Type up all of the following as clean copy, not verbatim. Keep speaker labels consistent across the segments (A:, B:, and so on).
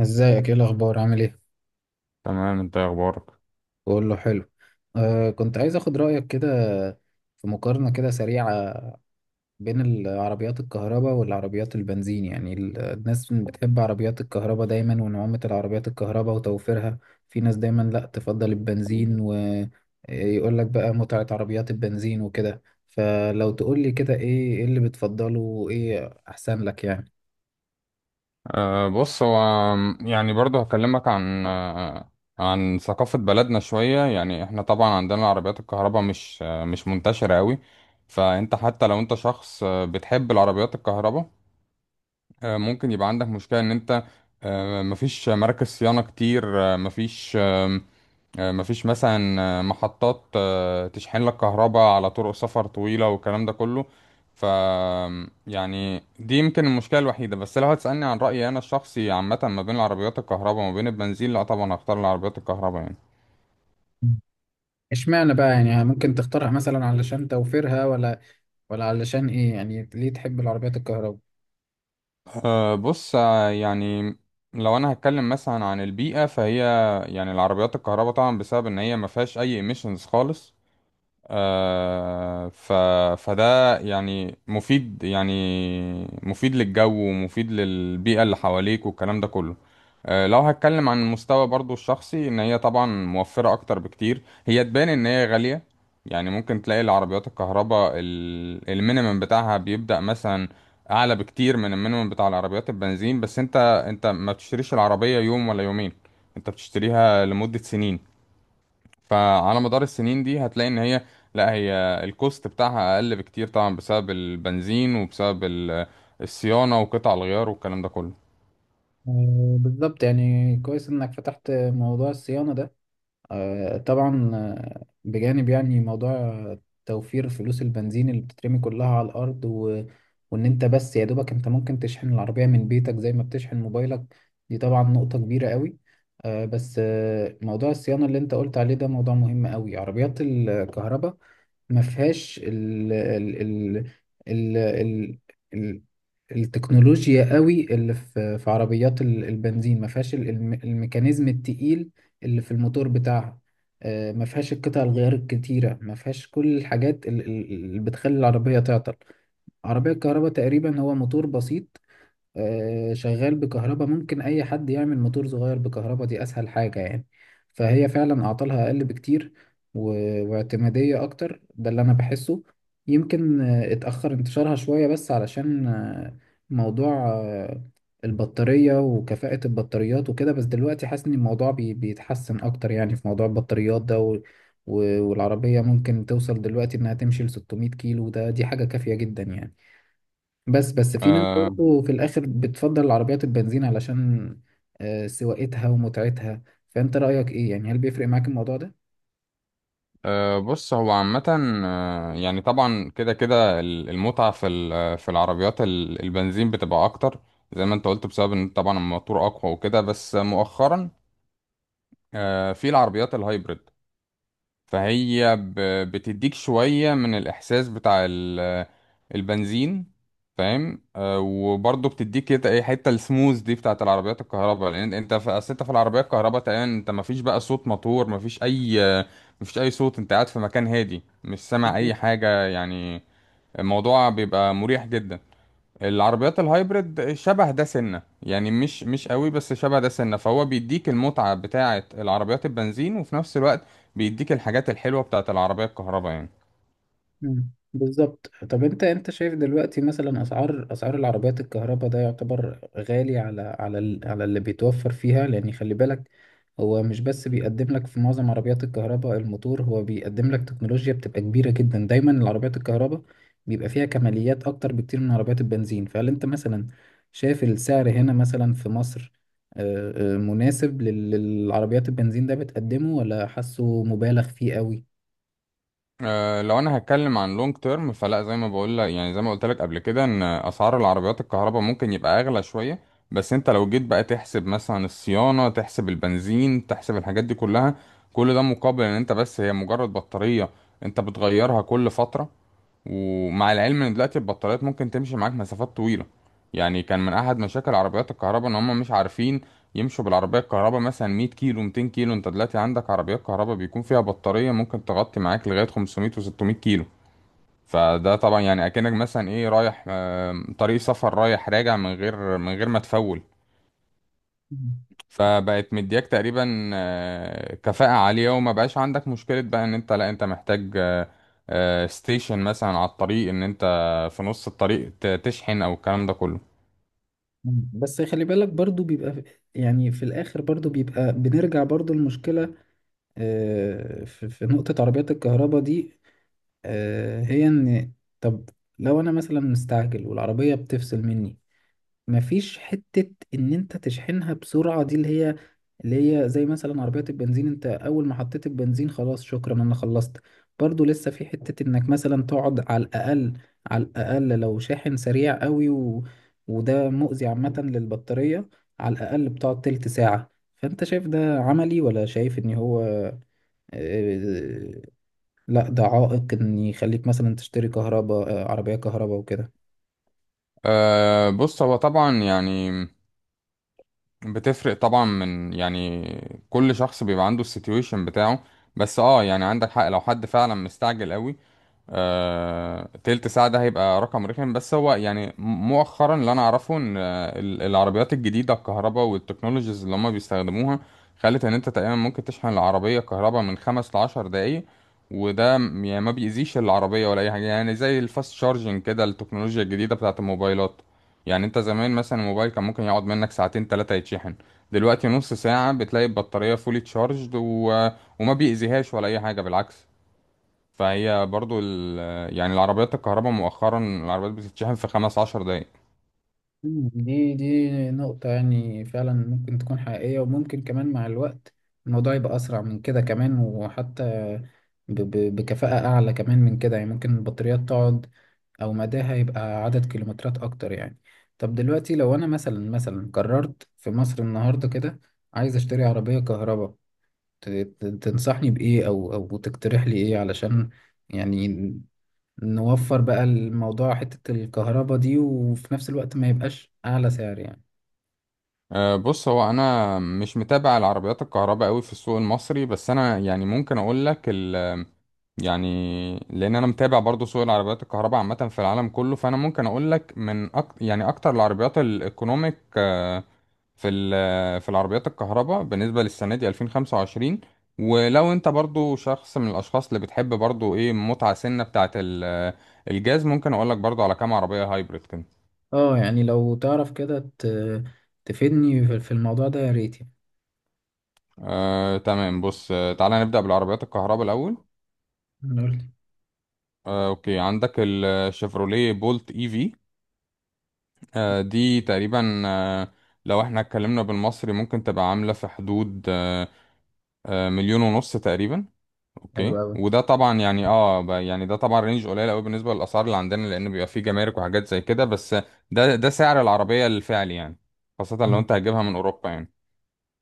A: ازيك؟ ايه الاخبار؟ عامل ايه؟
B: تمام، انت ايه اخبارك؟
A: بقول له حلو. كنت عايز اخد رايك كده في مقارنه كده سريعه بين العربيات الكهرباء والعربيات البنزين. يعني الناس بتحب عربيات الكهرباء دايما، ونعومه العربيات الكهرباء وتوفيرها. في ناس دايما لا تفضل البنزين، ويقول لك بقى متعه عربيات البنزين وكده. فلو تقول لي كده، ايه اللي بتفضله، وايه احسن لك يعني؟
B: بص، هو يعني برضو هكلمك عن ثقافة بلدنا شوية. يعني احنا طبعا عندنا عربيات الكهرباء مش منتشرة قوي. فانت حتى لو انت شخص بتحب العربيات الكهرباء، ممكن يبقى عندك مشكلة ان انت مفيش مراكز صيانة كتير. أه مفيش آه، مفيش مثلا محطات تشحن لك كهرباء على طرق سفر طويلة والكلام ده كله. ف يعني دي يمكن المشكلة الوحيدة. بس لو هتسألني عن رأيي أنا الشخصي، عامة ما بين العربيات الكهرباء وما بين البنزين، لا طبعا هختار العربيات الكهرباء يعني.
A: اشمعنى بقى؟ يعني ممكن تختارها مثلا علشان توفيرها، ولا علشان ايه؟ يعني ليه تحب العربيات الكهرباء؟
B: بص، يعني لو أنا هتكلم مثلا عن البيئة، فهي يعني العربيات الكهرباء طبعا بسبب إن هي ما فيهاش أي emissions خالص. آه، ف... فده يعني مفيد، يعني مفيد للجو ومفيد للبيئة اللي حواليك والكلام ده كله. لو هتكلم عن المستوى برضو الشخصي، ان هي طبعا موفرة اكتر بكتير. هي تبان ان هي غالية، يعني ممكن تلاقي العربيات الكهرباء المينيمم بتاعها بيبدأ مثلا اعلى بكتير من المينيمم بتاع العربيات البنزين. بس انت ما بتشتريش العربية يوم ولا يومين، انت بتشتريها لمدة سنين. فعلى مدار السنين دي هتلاقي ان هي لا هي الكوست بتاعها اقل بكتير طبعا بسبب البنزين وبسبب الصيانة وقطع الغيار والكلام ده كله.
A: بالظبط، يعني كويس انك فتحت موضوع الصيانة ده. طبعا، بجانب يعني موضوع توفير فلوس البنزين اللي بتترمي كلها على الارض، وان انت بس يا دوبك انت ممكن تشحن العربية من بيتك زي ما بتشحن موبايلك. دي طبعا نقطة كبيرة قوي. بس موضوع الصيانة اللي انت قلت عليه ده موضوع مهم قوي. عربيات الكهرباء ما فيهاش ال ال ال التكنولوجيا قوي اللي في عربيات البنزين. ما فيهاش الميكانيزم التقيل اللي في الموتور بتاعها. ما فيهاش القطع الغيار الكتيرة، ما فيهاش كل الحاجات اللي بتخلي العربية تعطل. عربية الكهرباء تقريبا هو موتور بسيط، شغال بكهرباء. ممكن اي حد يعمل موتور صغير بكهرباء، دي اسهل حاجة يعني. فهي فعلا اعطالها اقل بكتير، واعتمادية اكتر. ده اللي انا بحسه. يمكن اتأخر انتشارها شوية، بس علشان موضوع البطارية وكفاءة البطاريات وكده. بس دلوقتي حاسس ان الموضوع بيتحسن اكتر يعني في موضوع البطاريات ده، والعربية ممكن توصل دلوقتي انها تمشي ل 600 كيلو. دي حاجة كافية جدا يعني. بس بس، في ناس
B: أه
A: برضه في الآخر بتفضل العربيات البنزين علشان سواقتها ومتعتها. فأنت رأيك إيه يعني؟ هل بيفرق معاك الموضوع ده؟
B: أه بص، هو عامة يعني طبعا كده كده المتعة في في العربيات البنزين بتبقى أكتر، زي ما أنت قلت بسبب إن طبعا الموتور أقوى وكده. بس مؤخرا في العربيات الهايبريد، فهي بتديك شوية من الإحساس بتاع البنزين. فاهم؟ وبرضه بتديك كده ايه حتة السموز دي بتاعة العربيات الكهرباء، لأن انت في أصل انت في العربية الكهرباء تقريبا انت مفيش بقى صوت موتور، مفيش أي صوت. انت قاعد في مكان هادي، مش سامع أي حاجة يعني. الموضوع بيبقى مريح جدا. العربيات الهايبرد شبه ده سنة يعني مش قوي، بس شبه ده سنة. فهو بيديك المتعة بتاعة العربيات البنزين وفي نفس الوقت بيديك الحاجات الحلوة بتاعة العربية الكهرباء يعني.
A: مم. بالظبط. طب انت شايف دلوقتي، مثلا، اسعار العربيات الكهرباء ده يعتبر غالي على اللي بيتوفر فيها؟ لان خلي بالك، هو مش بس بيقدم لك في معظم عربيات الكهرباء الموتور، هو بيقدم لك تكنولوجيا بتبقى كبيرة جدا. دايما العربيات الكهرباء بيبقى فيها كماليات اكتر بكتير من عربيات البنزين. فهل انت مثلا شايف السعر هنا مثلا في مصر مناسب للعربيات البنزين ده بتقدمه، ولا حاسه مبالغ فيه قوي؟
B: لو انا هتكلم عن لونج تيرم، فلا. زي ما بقول لك، يعني زي ما قلت لك قبل كده، ان اسعار العربيات الكهرباء ممكن يبقى اغلى شوية. بس انت لو جيت بقى تحسب مثلا الصيانة، تحسب البنزين، تحسب الحاجات دي كلها، كل ده مقابل ان انت بس هي مجرد بطارية انت بتغيرها كل فترة. ومع العلم ان دلوقتي البطاريات ممكن تمشي معاك مسافات طويله. يعني كان من احد مشاكل عربيات الكهرباء ان هم مش عارفين يمشوا بالعربيه الكهرباء مثلا 100 كيلو 200 كيلو. انت دلوقتي عندك عربيات كهرباء بيكون فيها بطاريه ممكن تغطي معاك لغايه 500 و600 كيلو. فده طبعا يعني اكنك مثلا ايه رايح طريق سفر رايح راجع من غير ما تفول. فبقت مدياك تقريبا كفاءة عالية، وما بقاش عندك مشكلة بقى ان انت، لا انت محتاج ستيشن مثلا على الطريق ان انت في نص الطريق تشحن او الكلام ده كله.
A: مم. بس خلي بالك برضو بيبقى يعني في الآخر برضو بيبقى بنرجع برضو المشكلة. في نقطة عربيات الكهرباء دي، هي إن، طب، لو أنا مثلا مستعجل والعربية بتفصل مني، مفيش حتة ان انت تشحنها بسرعة، دي اللي هي زي مثلا عربية البنزين. انت اول ما حطيت البنزين خلاص شكرا انا خلصت. برضو لسه في حتة انك مثلا تقعد على الاقل، لو شاحن سريع قوي، وده مؤذي عامة للبطارية. على الاقل بتقعد تلت ساعة. فانت شايف ده عملي، ولا شايف ان هو آه، لا ده عائق ان يخليك مثلا تشتري كهرباء، عربية كهرباء وكده؟
B: بص، هو طبعا يعني بتفرق طبعا من، يعني كل شخص بيبقى عنده السيتويشن بتاعه. بس اه يعني عندك حق، لو حد فعلا مستعجل قوي، تلت ساعة ده هيبقى رقم رخم. بس هو يعني مؤخرا اللي أنا أعرفه إن العربيات الجديدة الكهرباء والتكنولوجيز اللي هما بيستخدموها خلت إن أنت تقريبا ممكن تشحن العربية كهرباء من خمس لعشر دقايق. وده يعني ما بيأذيش العربية ولا أي حاجة، يعني زي الفاست شارجنج كده، التكنولوجيا الجديدة بتاعة الموبايلات. يعني أنت زمان مثلا الموبايل كان ممكن يقعد منك ساعتين تلاتة يتشحن، دلوقتي نص ساعة بتلاقي البطارية فولي تشارجد، و... وما بيأذيهاش ولا أي حاجة، بالعكس. فهي برضو يعني العربيات الكهرباء مؤخرا العربيات بتتشحن في خمس عشر دقايق.
A: مم. دي نقطة يعني فعلا ممكن تكون حقيقية، وممكن كمان مع الوقت الموضوع يبقى أسرع من كده كمان، وحتى بكفاءة أعلى كمان من كده. يعني ممكن البطاريات تقعد، أو مداها يبقى عدد كيلومترات أكتر يعني. طب دلوقتي، لو أنا مثلا قررت في مصر النهاردة كده عايز أشتري عربية كهرباء، تنصحني بإيه أو تقترح لي إيه، علشان يعني نوفر بقى الموضوع حتة الكهرباء دي، وفي نفس الوقت ما يبقاش أعلى سعر يعني؟
B: بص، هو انا مش متابع العربيات الكهرباء قوي في السوق المصري. بس انا يعني ممكن اقول لك يعني لان انا متابع برضو سوق العربيات الكهرباء عامه في العالم كله. فانا ممكن اقول لك يعني اكتر العربيات الايكونوميك في في العربيات الكهرباء بالنسبة للسنة دي 2025. ولو انت برضو شخص من الاشخاص اللي بتحب برضو ايه متعة سنة بتاعة الجاز، ممكن اقول لك برضو على كام عربية هايبريد كده.
A: اه يعني لو تعرف كده تفيدني في الموضوع ده يا ريت.
B: تمام، بص، تعالى نبدأ بالعربيات الكهرباء الاول.
A: يعني قول لي.
B: اوكي، عندك الشيفروليه بولت اي في. آه دي تقريبا آه لو احنا اتكلمنا بالمصري ممكن تبقى عاملة في حدود مليون ونص تقريبا.
A: حلو
B: اوكي،
A: أوي.
B: وده طبعا يعني يعني ده طبعا رينج قليل قوي بالنسبه للاسعار اللي عندنا، لان بيبقى فيه جمارك وحاجات زي كده. بس ده سعر العربيه الفعلي يعني، خاصه لو
A: مم.
B: انت هتجيبها من اوروبا يعني.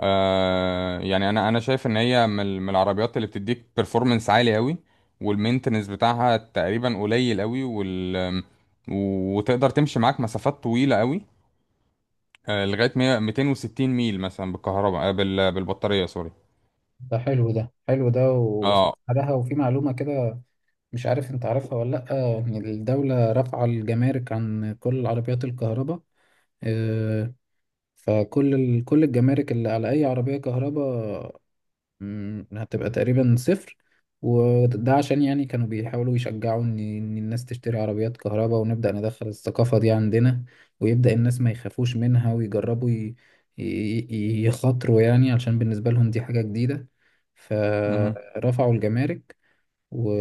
B: يعني انا شايف ان هي من العربيات اللي بتديك performance عالي قوي، والمينتنس بتاعها تقريبا قليل قوي، وتقدر تمشي معاك مسافات طويله قوي. لغايه 100 260 ميل مثلا بالكهرباء، بالبطاريه. سوري.
A: ده حلو، ده حلو، ده
B: اه
A: وسعرها. وفي معلومة كده، مش عارف انت عارفها ولا لأ، إن الدولة رافعة الجمارك عن كل العربيات الكهرباء. آه، فكل كل الجمارك اللي على أي عربية كهرباء هتبقى تقريبا صفر. وده عشان يعني كانوا بيحاولوا يشجعوا إن الناس تشتري عربيات كهرباء، ونبدأ ندخل الثقافة دي عندنا، ويبدأ الناس ما يخافوش منها ويجربوا ي- يخاطروا يعني، علشان بالنسبة لهم دي حاجة جديدة. فرفعوا الجمارك، و...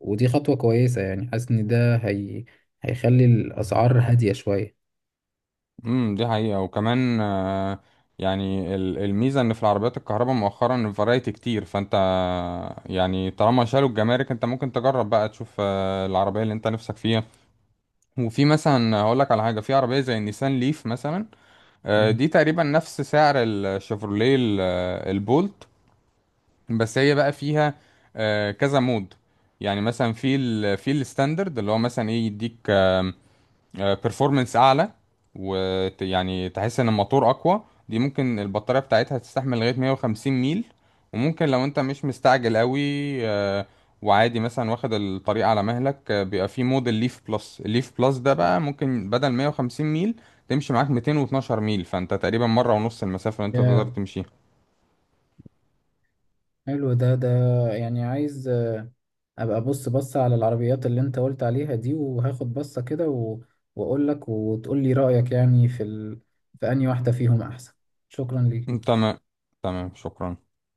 A: ودي خطوة كويسة يعني. حاسس ان هيخلي الأسعار هادية شوية.
B: دي حقيقة. وكمان يعني الميزة ان في العربيات الكهرباء مؤخرا الفرايتي كتير. فانت يعني طالما شالوا الجمارك، انت ممكن تجرب بقى تشوف العربية اللي انت نفسك فيها. وفي مثلا هقول لك على حاجة، في عربية زي النيسان ليف مثلا.
A: مم.
B: دي تقريبا نفس سعر الشيفروليه البولت. بس هي بقى فيها كذا مود. يعني مثلا في ال في الستاندرد، اللي هو مثلا ايه يديك بيرفورمانس اعلى، ويعني تحس ان الموتور اقوى. دي ممكن البطارية بتاعتها تستحمل لغاية 150 ميل. وممكن لو انت مش مستعجل قوي، آه، وعادي مثلا واخد الطريق على مهلك، بيبقى في موديل ليف بلس. الليف بلس ده بقى ممكن بدل 150 ميل تمشي معاك 212 ميل، فانت تقريبا مرة ونص المسافة اللي انت تقدر
A: يا
B: تمشيها.
A: حلو ده، يعني عايز ابقى بص بص على العربيات اللي انت قلت عليها دي، وهاخد بصة كده، واقول لك، وتقول لي رأيك، يعني في في انهي واحدة فيهم احسن. شكرا ليك.
B: تمام. تمام، شكرا.